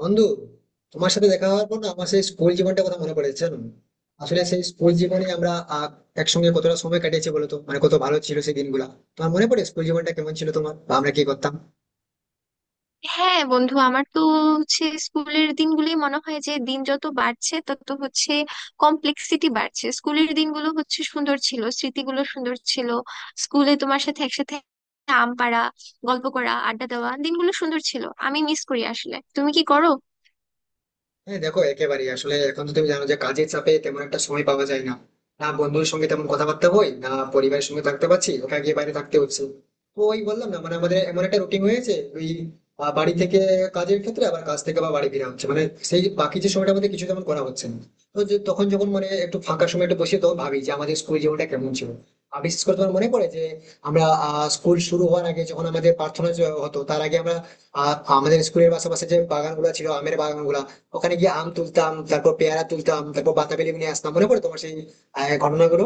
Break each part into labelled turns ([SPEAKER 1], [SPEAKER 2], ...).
[SPEAKER 1] বন্ধু, তোমার সাথে দেখা হওয়ার পর না আমার সেই স্কুল জীবনটা কথা মনে পড়েছে জানো। আসলে সেই স্কুল জীবনে আমরা একসঙ্গে কতটা সময় কাটিয়েছি বলতো, মানে কত ভালো ছিল সেই দিনগুলো। তোমার মনে পড়ে স্কুল জীবনটা কেমন ছিল তোমার, বা আমরা কি করতাম?
[SPEAKER 2] হ্যাঁ বন্ধু, আমার তো হচ্ছে স্কুলের দিনগুলি মনে হয় যে দিন যত বাড়ছে তত হচ্ছে কমপ্লেক্সিটি বাড়ছে। স্কুলের দিনগুলো হচ্ছে সুন্দর ছিল, স্মৃতিগুলো সুন্দর ছিল। স্কুলে তোমার সাথে একসাথে আম পাড়া, গল্প করা, আড্ডা দেওয়া দিনগুলো সুন্দর ছিল। আমি মিস করি। আসলে তুমি কি করো?
[SPEAKER 1] হ্যাঁ দেখো, একেবারেই। আসলে এখন তো তুমি জানো যে কাজের চাপে তেমন একটা সময় পাওয়া যায় না, না বন্ধুর সঙ্গে তেমন কথাবার্তা হয়, না পরিবারের সঙ্গে থাকতে পারছি, ওখানে গিয়ে বাইরে থাকতে হচ্ছে। তো ওই বললাম না, মানে আমাদের এমন একটা রুটিন হয়েছে ওই বাড়ি থেকে কাজের ক্ষেত্রে, আবার কাজ থেকে আবার বাড়ি ফেরা হচ্ছে, মানে সেই বাকি যে সময়টা আমাদের কিছু তেমন করা হচ্ছে না। তো তখন যখন মানে একটু ফাঁকা সময় একটু বসে তখন ভাবি যে আমাদের স্কুল জীবনটা কেমন ছিল। আর বিশেষ করে তোমার মনে পড়ে যে আমরা স্কুল শুরু হওয়ার আগে যখন আমাদের প্রার্থনা যে হতো তার আগে আমরা আমাদের স্কুলের পাশাপাশি যে বাগানগুলো ছিল, আমের বাগানগুলা, ওখানে গিয়ে আম তুলতাম, তারপর পেয়ারা তুলতাম, তারপর বাতাবি লেবু নিয়ে আসতাম। মনে পড়ে তোমার সেই ঘটনাগুলো?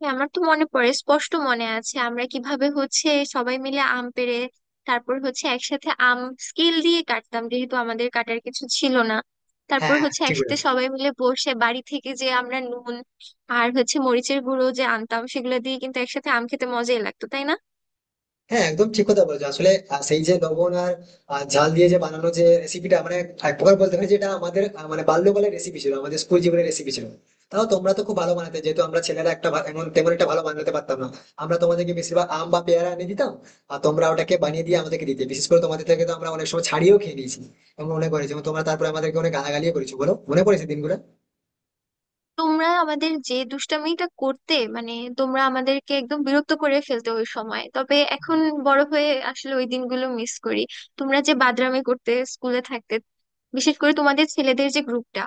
[SPEAKER 2] হ্যাঁ, আমার তো মনে পড়ে, স্পষ্ট মনে আছে আমরা কিভাবে হচ্ছে সবাই মিলে আম পেড়ে তারপর হচ্ছে একসাথে আম স্কেল দিয়ে কাটতাম, যেহেতু আমাদের কাটার কিছু ছিল না। তারপর
[SPEAKER 1] হ্যাঁ
[SPEAKER 2] হচ্ছে
[SPEAKER 1] ঠিক
[SPEAKER 2] একসাথে
[SPEAKER 1] বলেছো।
[SPEAKER 2] সবাই মিলে বসে বাড়ি থেকে যে আমরা নুন আর হচ্ছে মরিচের গুঁড়ো যে আনতাম, সেগুলো দিয়ে কিন্তু একসাথে আম খেতে মজাই লাগতো, তাই না?
[SPEAKER 1] হ্যাঁ একদম ঠিক কথা বলেছো। আসলে সেই যে লবণ আর ঝাল দিয়ে যে বানানো যে রেসিপিটা, মানে এক প্রকার বলতে পারি যেটা আমাদের মানে বাল্যকালের রেসিপি ছিল, আমাদের স্কুল জীবনের রেসিপি ছিল। তাও তোমরা তো খুব ভালো বানাতে, যেহেতু আমরা ছেলেরা একটা এমন তেমন একটা ভালো বানাতে পারতাম না। আমরা তোমাদেরকে বেশিরভাগ আম বা পেয়ারা এনে দিতাম আর তোমরা ওটাকে বানিয়ে দিয়ে আমাদেরকে দিতে। বিশেষ করে তোমাদের থেকে তো আমরা অনেক সময় ছাড়িয়েও খেয়ে নিয়েছি এবং মনে করেছি, এবং তোমরা তারপরে আমাদেরকে অনেক গালাগালিও করেছো বলো, মনে পড়েছে দিনগুলো?
[SPEAKER 2] তোমরা আমাদের যে দুষ্টামিটা করতে মানে, তোমরা আমাদেরকে একদম বিরক্ত করে ফেলতে ওই সময়। তবে এখন বড় হয়ে আসলে ওই দিনগুলো মিস করি। তোমরা যে বাদরামি করতে স্কুলে থাকতে, বিশেষ করে তোমাদের ছেলেদের যে গ্রুপটা,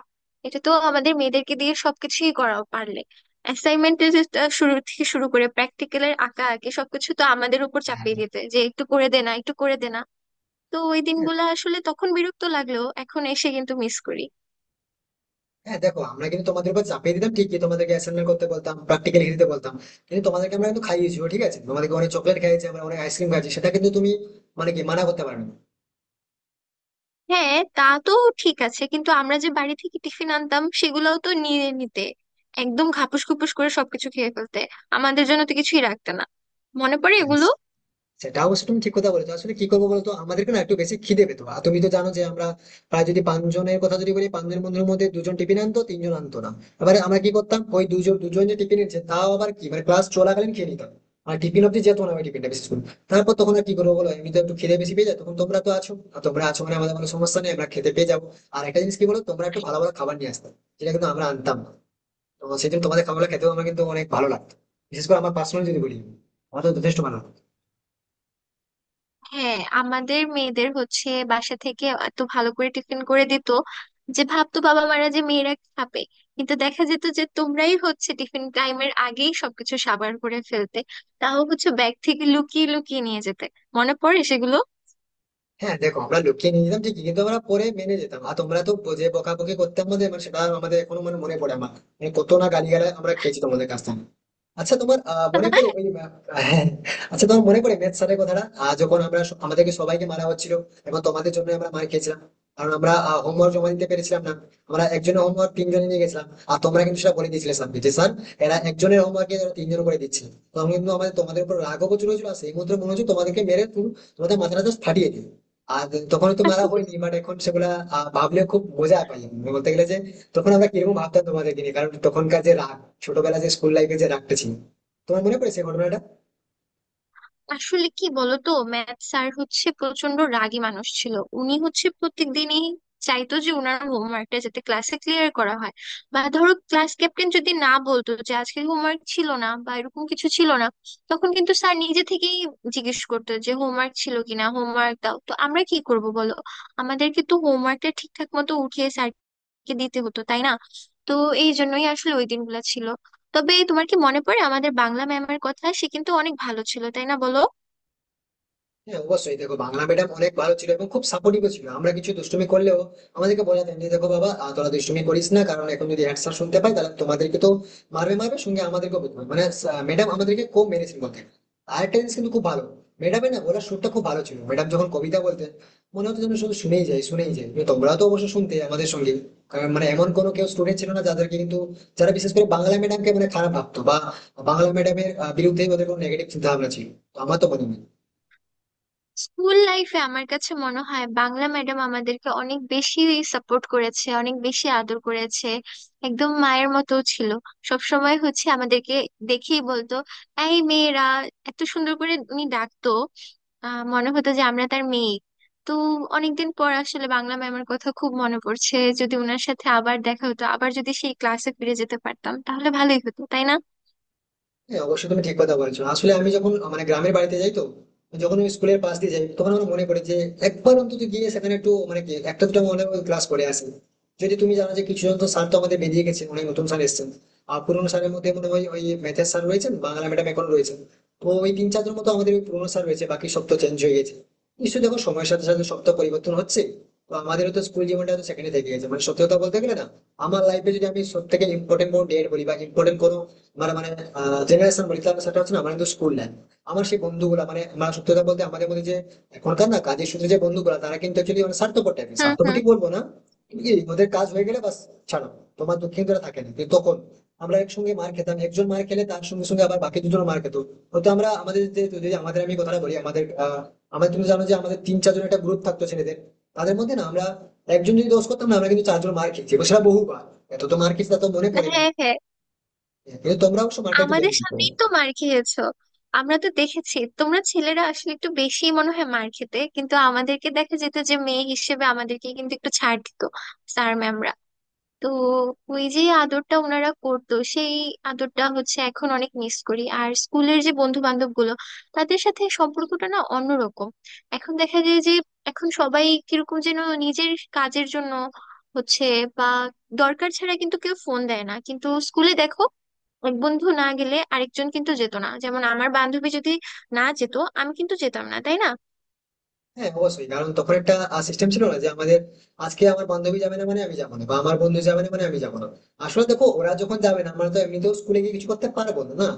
[SPEAKER 2] এটা তো আমাদের মেয়েদেরকে দিয়ে সবকিছুই করাও পারলে। অ্যাসাইনমেন্টের শুরু থেকে শুরু করে প্র্যাকটিক্যালের আঁকা আঁকি সবকিছু তো আমাদের উপর
[SPEAKER 1] হ্যাঁ।
[SPEAKER 2] চাপিয়ে দিতে যে একটু করে দে না, একটু করে দে না। তো ওই দিনগুলো আসলে তখন বিরক্ত লাগলেও এখন এসে কিন্তু মিস করি।
[SPEAKER 1] হ্যাঁ, দেখো আমরা কিন্তু তোমাদের উপর চাপিয়ে দিতাম ঠিকই, তোমাদেরকে অ্যাসাইনমেন্ট করতে বলতাম, প্র্যাকটিক্যাল লিখে দিতে বলতাম, কিন্তু তোমাদেরকে আমরা কিন্তু খাইয়েছি ঠিক আছে। তোমাদেরকে অনেক চকলেট খাইয়েছি আমরা, অনেক আইসক্রিম খাইয়েছি, সেটা কিন্তু তুমি মানে কি মানা করতে পারবে?
[SPEAKER 2] হ্যাঁ, তা তো ঠিক আছে। কিন্তু আমরা যে বাড়ি থেকে টিফিন আনতাম সেগুলোও তো নিয়ে নিতে, একদম খাপুস খুপুস করে সবকিছু খেয়ে ফেলতে। আমাদের জন্য তো কিছুই রাখতে না। মনে পড়ে
[SPEAKER 1] না।
[SPEAKER 2] এগুলো?
[SPEAKER 1] সেটা অবশ্য তুমি ঠিক কথা বলেছো। আসলে কি করবো বলতো, আমাদেরকে না একটু বেশি খিদে পেতো, আর তুমি তো জানো যে আমরা প্রায় যদি পাঁচজনের কথা যদি বলি, পাঁচজন বন্ধুর মধ্যে দুজন টিফিন আনতো, তিনজন আনতো না। এবারে আমরা কি করতাম? ওই দুজন দুজন যে টিফিন নিচ্ছে তাও আবার কি মানে ক্লাস চলাকালীন খেয়ে নিতাম, আর টিফিন অব্দি যেত না ওই টিফিনটা বিশেষ করে। তারপর তখন আর কি করবো বলো, এমনি তো একটু খিদে বেশি পেয়ে যায়, তখন তোমরা তো আছো আর তোমরা আছো মানে আমাদের কোনো সমস্যা নেই, আমরা খেতে পেয়ে যাবো। আর একটা জিনিস কি বলো, তোমরা একটু ভালো ভালো খাবার নিয়ে আসতাম যেটা কিন্তু আমরা আনতাম না। তো সেদিন তোমাদের খাবারটা খেতেও আমার কিন্তু অনেক ভালো লাগতো। বিশেষ করে আমার পার্সোনাল যদি বলি, আমার তো যথেষ্ট ভালো লাগতো।
[SPEAKER 2] হ্যাঁ, আমাদের মেয়েদের হচ্ছে বাসা থেকে এত ভালো করে টিফিন করে দিত যে ভাবতো বাবা মারা যে মেয়েরা খাবে, কিন্তু দেখা যেত যে তোমরাই হচ্ছে টিফিন টাইমের আগেই সবকিছু সাবাড় করে ফেলতে। তাও হচ্ছে ব্যাগ থেকে লুকিয়ে লুকিয়ে নিয়ে যেতে। মনে পড়ে সেগুলো?
[SPEAKER 1] হ্যাঁ দেখো আমরা লুকিয়ে নিয়ে যেতাম ঠিকই, কিন্তু আমরা পরে মেনে যেতাম, আর তোমরা তো যে বকাবকি করতে আমাদের, মানে সেটা আমাদের এখনো মানে মনে পড়ে আমার। মানে কত না গালিগালাজ আমরা খেয়েছি তোমাদের কাছ থেকে। আচ্ছা, তোমার মনে পড়ে ওই হ্যাঁ, আচ্ছা তোমার মনে পড়ে ম্যাথ স্যারের কথাটা, যখন আমরা আমাদেরকে সবাইকে মারা হচ্ছিল এবং তোমাদের জন্য আমরা মার খেয়েছিলাম, কারণ আমরা হোমওয়ার্ক জমা দিতে পেরেছিলাম না। আমরা একজনের হোমওয়ার্ক তিনজনে নিয়ে গেছিলাম, আর তোমরা কিন্তু সেটা বলে দিয়েছিলে স্যারকে যে, "স্যার, এরা একজনের হোমওয়ার্ক এরা তিনজন করে দিচ্ছে।" তখন কিন্তু আমাদের তোমাদের উপর রাগও প্রচুর হয়েছিল, আর সেই মুহূর্তে মনে হচ্ছে তোমাদেরকে মেরে তোমাদের মাথাটা জাস্ট ফাটিয়ে দিই। আর তখন তো মারা হয়নি বাট এখন সেগুলা ভাবলে খুব মজা পাই আমি। বলতে গেলে যে তখন আমরা কিরকম ভাবতাম তোমাদেরকে নিয়ে, কারণ তখনকার যে রাগ, ছোটবেলা যে স্কুল লাইফে যে রাগটা ছিল। তোমার মনে পড়ে সেই ঘটনাটা?
[SPEAKER 2] আসলে কি বলতো, ম্যাথ স্যার হচ্ছে প্রচন্ড রাগী মানুষ ছিল। উনি হচ্ছে প্রত্যেকদিনই চাইতো যে ওনার হোমওয়ার্কটা যাতে ক্লাসে ক্লিয়ার করা হয়। বা ধরো ক্লাস ক্যাপ্টেন যদি না বলতো যে আজকে হোমওয়ার্ক ছিল না বা এরকম কিছু ছিল না, তখন কিন্তু স্যার নিজে থেকেই জিজ্ঞেস করতো যে হোমওয়ার্ক ছিল কিনা, হোমওয়ার্ক দাও। তো আমরা কি করব বলো? আমাদেরকে তো হোমওয়ার্কটা ঠিকঠাক মতো উঠিয়ে স্যারকে দিতে হতো, তাই না? তো এই জন্যই আসলে ওই দিনগুলো ছিল। তবে তোমার কি মনে পড়ে আমাদের বাংলা ম্যামের কথা? সে কিন্তু অনেক ভালো ছিল, তাই না বলো?
[SPEAKER 1] হ্যাঁ অবশ্যই দেখো, বাংলা ম্যাডাম অনেক ভালো ছিল এবং খুব সাপোর্টিভ ছিল। আমরা কিছু দুষ্টুমি করলেও আমাদেরকে বোঝাতেন যে, "দেখো বাবা, তোরা দুষ্টুমি করিস না, কারণ এখন যদি হ্যান্ড স্যার শুনতে পাই তাহলে তোমাদেরকে তো মারবে, মারবে সঙ্গে আমাদেরকে বুঝবে।" মানে ম্যাডাম আমাদেরকে কম মেরেছেন বলতেন। আর একটা জিনিস কিন্তু খুব ভালো, ম্যাডামের না বলার সুরটা খুব ভালো ছিল। ম্যাডাম যখন কবিতা বলতেন মনে হতো যেন শুধু শুনেই যাই, শুনেই যাই। কিন্তু তোমরাও তো অবশ্য শুনতে আমাদের সঙ্গে, কারণ মানে এমন কোনো কেউ স্টুডেন্ট ছিল না যাদেরকে কিন্তু, যারা বিশেষ করে বাংলা ম্যাডামকে মানে খারাপ ভাবতো বা বাংলা ম্যাডামের বিরুদ্ধে ওদের কোনো নেগেটিভ চিন্তা ভাবনা ছিল। তো আমার তো মনে হয়।
[SPEAKER 2] স্কুল লাইফে আমার কাছে মনে হয় বাংলা ম্যাডাম আমাদেরকে অনেক বেশি সাপোর্ট করেছে, অনেক বেশি আদর করেছে। একদম মায়ের মতো ছিল। সব সময় হচ্ছে আমাদেরকে দেখেই বলতো, এই মেয়েরা। এত সুন্দর করে উনি ডাকতো। আহ, মনে হতো যে আমরা তার মেয়ে। তো অনেকদিন পর আসলে বাংলা ম্যামের কথা খুব মনে পড়ছে। যদি ওনার সাথে আবার দেখা হতো, আবার যদি সেই ক্লাসে ফিরে যেতে পারতাম, তাহলে ভালোই হতো, তাই না?
[SPEAKER 1] হ্যাঁ অবশ্যই তুমি ঠিক কথা বলেছো। আসলে আমি যখন মানে গ্রামের বাড়িতে যাই তো, যখন ওই স্কুলের পাশ দিয়ে যাই তখন আমার মনে পড়ে যে একবার অন্তত গিয়ে সেখানে একটু মানে কি একটা দুটো মনে ক্লাস করে আসি। যদি তুমি জানো যে কিছু জন তো স্যার তো আমাদের বেরিয়ে গেছে, অনেক নতুন স্যার এসেছেন। আর পুরোনো স্যারের মধ্যে মনে হয় ওই ম্যাথের স্যার রয়েছেন, বাংলা ম্যাডাম এখন রয়েছেন, তো ওই তিন চারজন মতো আমাদের ওই পুরোনো স্যার রয়েছে, বাকি সব তো চেঞ্জ হয়ে গেছে। নিশ্চয়ই দেখো সময়ের সাথে সাথে সব তো পরিবর্তন হচ্ছে, তো আমাদেরও তো স্কুল জীবনটা তো সেখানে থেকে গেছে। মানে সত্যি কথা বলতে গেলে না, আমার লাইফে যদি আমি সব থেকে ইম্পর্টেন্ট কোনো ডেট বলি বা ইম্পর্টেন্ট কোনো মানে মানে জেনারেশন বলি, তাহলে সেটা হচ্ছে না আমার কিন্তু স্কুল লাইফ, আমার সেই বন্ধুগুলা। মানে আমার সত্যি কথা বলতে আমাদের মধ্যে যে এখনকার না কাজের সূত্রে যে বন্ধুগুলা, তারা কিন্তু অ্যাকচুয়ালি মানে স্বার্থপর টাইপের,
[SPEAKER 2] হুম,
[SPEAKER 1] স্বার্থপর
[SPEAKER 2] হুম।
[SPEAKER 1] ঠিক বলবো না, কিন্তু কি, ওদের কাজ হয়ে গেলে বাস, ছাড়ো, তোমার দুঃখিন তারা থাকে না। কিন্তু তখন আমরা একসঙ্গে মার খেতাম, একজন মার খেলে তার সঙ্গে সঙ্গে আবার বাকি দুজন মার খেত। হয়তো আমরা আমাদের যে যদি আমাদের আমি কথাটা বলি, আমাদের তুমি জানো যে আমাদের তিন চারজন একটা গ্রুপ থাকতো ছেলেদের, তাদের মধ্যে না আমরা একজন যদি দোষ করতাম না, আমরা কিন্তু চারজন মার খেয়েছি এবং সেটা বহুবার। এত তো মার খেয়েছি তা তো মনে
[SPEAKER 2] হ্যাঁ,
[SPEAKER 1] পড়ে না।
[SPEAKER 2] হ্যাঁ।
[SPEAKER 1] কিন্তু তোমরা অবশ্য মারটা একটু কম
[SPEAKER 2] আমাদের
[SPEAKER 1] খেতে।
[SPEAKER 2] সামনেই তো মার খেয়েছো। আমরা তো দেখেছি তোমরা ছেলেরা আসলে একটু বেশি মনে হয় মার খেতে, কিন্তু আমাদেরকে দেখা যেত যে মেয়ে হিসেবে আমাদেরকে কিন্তু একটু ছাড় দিত স্যার ম্যামরা। তো ওই যে আদরটা ওনারা করতো, সেই আদরটা হচ্ছে এখন অনেক মিস করি। আর স্কুলের যে বন্ধু বান্ধব গুলো, তাদের সাথে সম্পর্কটা না অন্যরকম। এখন দেখা যায় যে এখন সবাই কিরকম যেন নিজের কাজের জন্য হচ্ছে, বা দরকার ছাড়া কিন্তু কেউ ফোন দেয় না। কিন্তু স্কুলে দেখো, এক বন্ধু না গেলে আরেকজন কিন্তু যেত না। যেমন আমার বান্ধবী যদি না যেত, আমি কিন্তু যেতাম না, তাই না?
[SPEAKER 1] হ্যাঁ অবশ্যই, কারণ তখন একটা সিস্টেম ছিল না যে আমাদের আজকে আমার বান্ধবী যাবে না মানে আমি যাবো না, বা আমার বন্ধু যাবে না মানে আমি যাবো না। আসলে দেখো ওরা যখন যাবে না, আমরা তো এমনিতেও স্কুলে গিয়ে কিছু করতে পারবো না না,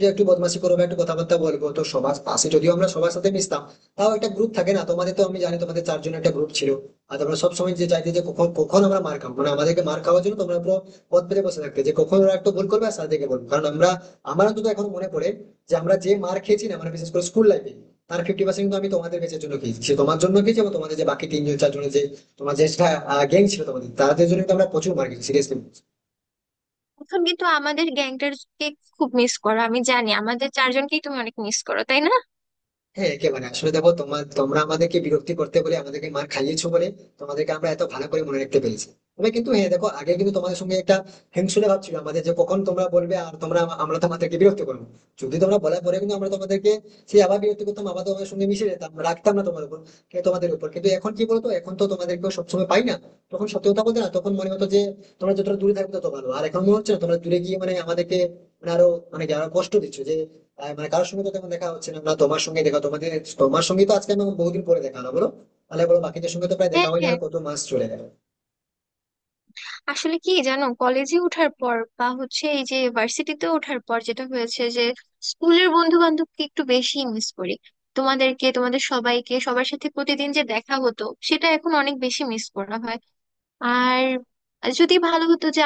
[SPEAKER 1] যে একটু বদমাশি করবো একটু কথাবার্তা বলবো। তো সবার পাশে যদিও আমরা সবার সাথে মিশতাম, তাও একটা গ্রুপ থাকে না, তোমাদের তো আমি জানি তোমাদের চারজন একটা গ্রুপ ছিল। আর তোমরা সবসময় যে চাইতে যে কখন কখন আমরা মার খাবো, মানে আমাদেরকে মার খাওয়ার জন্য তোমরা পুরো পথ পেতে বসে থাকতে, যে কখন ওরা একটু ভুল করবে আর সাথে বলবো, কারণ আমরা, আমার অন্তত এখন মনে পড়ে, যে আমরা যে মার খেয়েছি না, মানে বিশেষ করে স্কুল লাইফে, তার 50% কিন্তু আমি তোমাদের কাছের জন্য খেয়েছি, সে তোমার জন্য খেয়েছি এবং তোমাদের যে বাকি তিনজন চারজনের যে তোমার যে গ্যাং ছিল তোমাদের, তাদের জন্য কিন্তু আমরা প্রচুর মার খেয়েছি সিরিয়াসলি।
[SPEAKER 2] এখন কিন্তু আমাদের গ্যাংটারকে খুব মিস করো, আমি জানি। আমাদের চারজনকেই তুমি অনেক মিস করো, তাই না?
[SPEAKER 1] হ্যাঁ একেবারে, আসলে দেখো তোমার তোমরা আমাদেরকে বিরক্তি করতে বলে আমাদেরকে মার খাইয়েছো বলে তোমাদেরকে আমরা এত ভালো করে মনে রাখতে পেরেছি। তবে কিন্তু হ্যাঁ দেখো, আগে কিন্তু তোমাদের সঙ্গে একটা হিংসুটে ভাব ছিল আমাদের, যে কখন তোমরা বলবে আর তোমরা আমরা তোমাদেরকে বিরক্ত করবো, যদি তোমরা বলার পরে কিন্তু আমরা তোমাদেরকে সেই আবার বিরক্ত করতাম, আবার তোমাদের সঙ্গে মিশে যেতাম, রাখতাম না তোমার উপর, তোমাদের উপর। কিন্তু এখন কি বলতো, এখন তো তোমাদেরকে সবসময় পাই না। তখন সত্যি কথা বলতে না, তখন মনে হতো যে তোমরা যতটা দূরে থাকবে তত ভালো, আর এখন মনে হচ্ছে না তোমরা দূরে গিয়ে মানে আমাদেরকে মানে আরো মানে আরো কষ্ট দিচ্ছ যে মানে কারোর সঙ্গে তো তেমন দেখা হচ্ছে না, না তোমার সঙ্গে দেখা তোমাদের, তোমার সঙ্গে তো আজকে আমি বহুদিন পরে দেখা হলো বলো। তাহলে বলো বাকিদের সঙ্গে তো প্রায় দেখা
[SPEAKER 2] হ্যাঁ,
[SPEAKER 1] হয়নি আর,
[SPEAKER 2] হ্যাঁ।
[SPEAKER 1] কত মাস চলে গেল।
[SPEAKER 2] আসলে কি জানো, কলেজে ওঠার পর বা হচ্ছে এই যে ভার্সিটিতে ওঠার পর যেটা হয়েছে যে স্কুলের বন্ধু বান্ধবকে একটু বেশি মিস করি। তোমাদেরকে, তোমাদের সবাইকে, সবার সাথে প্রতিদিন যে দেখা হতো সেটা এখন অনেক বেশি মিস করা হয়। আর যদি ভালো হতো যে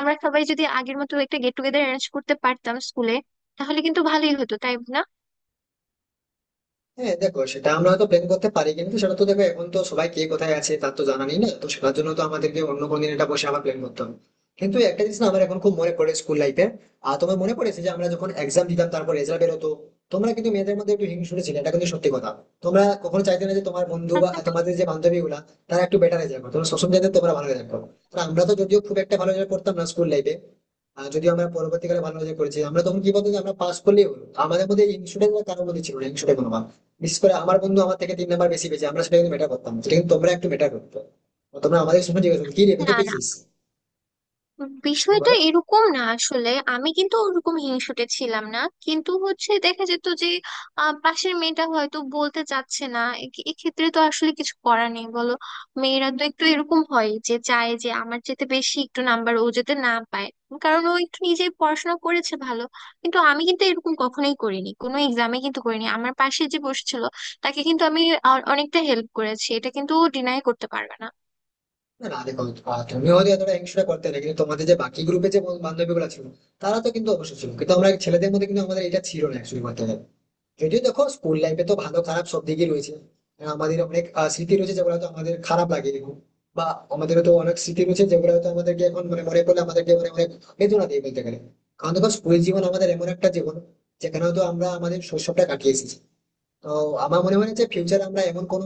[SPEAKER 2] আমরা সবাই যদি আগের মতো একটা গেট টুগেদার অ্যারেঞ্জ করতে পারতাম স্কুলে, তাহলে কিন্তু ভালোই হতো, তাই না?
[SPEAKER 1] হ্যাঁ দেখো, সেটা আমরা হয়তো প্ল্যান করতে পারি, কিন্তু সেটা তো দেখো এখন তো সবাই কে কোথায় আছে তার তো জানা নেই না, তো সেটার জন্য তো আমাদেরকে অন্য কোনো দিন এটা বসে আবার প্ল্যান করতে হবে। কিন্তু একটা জিনিস না, আমার এখন খুব মনে পড়ে স্কুল লাইফে। আর তোমার মনে পড়েছে যে আমরা যখন এক্সাম দিতাম তারপর রেজাল্ট বেরোতো, তোমরা কিন্তু মেয়েদের মধ্যে একটু হিংসুটে ছিলে, এটা কিন্তু সত্যি কথা। তোমরা কখনো চাইতে না যে তোমার বন্ধু বা তোমাদের যে বান্ধবী গুলা তারা একটু বেটার রেজাল্ট করো, তোমরা সবসময় চাইতে তোমরা ভালো রেজাল্ট করো। আর আমরা তো যদিও খুব একটা ভালো রেজাল্ট করতাম না স্কুল লাইফে, আর যদিও আমরা পরবর্তীকালে ভালো রেজাল্ট করেছি, আমরা তখন কি বলতো যে আমরা পাস করলেই হলো, আমাদের মধ্যে ইনস্টুডেন্ট কারোর মধ্যে ছিল না ইনস্টুডেন্ট কোনো ভাব। বিশেষ করে আমার বন্ধু আমার থেকে 3 নাম্বার বেশি পেয়েছে, আমরা সেটা কিন্তু মেটার করতাম না। সেটা কিন্তু তোমরা একটু মেটার করতো। তোমরা আমাদের সময় জিজ্ঞেস করতো, "কি রে কত
[SPEAKER 2] না, না,
[SPEAKER 1] পেয়েছিস?" আমি
[SPEAKER 2] বিষয়টা
[SPEAKER 1] বলো।
[SPEAKER 2] এরকম না আসলে। আমি কিন্তু ওরকম হিংসুটে ছিলাম না, কিন্তু হচ্ছে দেখা যেত যে পাশের মেয়েটা হয়তো বলতে চাচ্ছে না। এক্ষেত্রে তো আসলে কিছু করার নেই বলো। মেয়েরা তো একটু এরকম হয় যে চায় যে আমার যেতে বেশি একটু নাম্বার ও যেতে না পায়, কারণ ও একটু নিজেই পড়াশোনা করেছে ভালো। কিন্তু আমি কিন্তু এরকম কখনোই করিনি, কোনো এক্সামে কিন্তু করিনি। আমার পাশে যে বসেছিল তাকে কিন্তু আমি অনেকটা হেল্প করেছি। এটা কিন্তু ও ডিনাই করতে পারবে না।
[SPEAKER 1] না না, দেখো তুমি হয়তো এতটা হিংসা করতে না, কিন্তু তোমাদের যে বাকি গ্রুপে যে বান্ধবী গুলো ছিল তারা তো কিন্তু অবশ্যই ছিল। কিন্তু আমরা ছেলেদের মধ্যে কিন্তু আমাদের এটা ছিল না অ্যাকচুয়ালি করতে গেলে। যদিও দেখো স্কুল লাইফে তো ভালো খারাপ সব দিকই রয়েছে। আমাদের অনেক স্মৃতি রয়েছে যেগুলো হয়তো আমাদের খারাপ লাগে এখন। বা আমাদের তো অনেক স্মৃতি রয়েছে যেগুলো হয়তো আমাদেরকে এখন মানে মনে পড়লে আমাদেরকে মানে অনেক বেদনা দিয়ে বলতে গেলে। কারণ দেখো স্কুল জীবন আমাদের এমন একটা জীবন যেখানে হয়তো আমরা আমাদের শৈশবটা কাটিয়ে এসেছি। তো আমার মনে হয় যে ফিউচারে আমরা এমন কোনো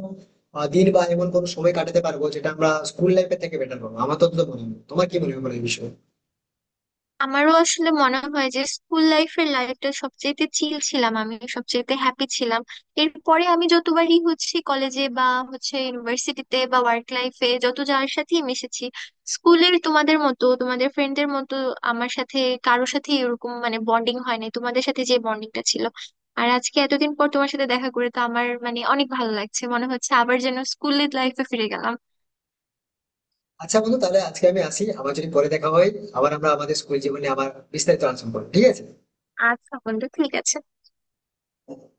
[SPEAKER 1] দিন বা এমন কোনো সময় কাটাতে পারবো যেটা আমরা স্কুল লাইফের থেকে বেটার পাবো। আমার তো অন্তত মনে হয়, তোমার কি মনে হয় বলো এই বিষয়ে?
[SPEAKER 2] আমারও আসলে মনে হয় যে স্কুল লাইফের লাইফটা সবচেয়েতে চিল ছিলাম, আমি সবচেয়েতে হ্যাপি ছিলাম। এরপরে আমি যতবারই হচ্ছে কলেজে বা হচ্ছে ইউনিভার্সিটিতে বা ওয়ার্ক লাইফে যত যার সাথেই মিশেছি, স্কুলের তোমাদের মতো, তোমাদের ফ্রেন্ডদের মতো আমার সাথে কারোর সাথে এরকম মানে বন্ডিং হয় নাই। তোমাদের সাথে যে বন্ডিংটা ছিল, আর আজকে এতদিন পর তোমার সাথে দেখা করে তো আমার মানে অনেক ভালো লাগছে। মনে হচ্ছে আবার যেন স্কুলের লাইফে ফিরে গেলাম।
[SPEAKER 1] আচ্ছা বন্ধু, তাহলে আজকে আমি আসি, আবার যদি পরে দেখা হয়, আবার আমরা আমাদের স্কুল জীবনে আবার বিস্তারিত আলোচনা করবো। ঠিক আছে?
[SPEAKER 2] আচ্ছা বন্ধু, ঠিক আছে।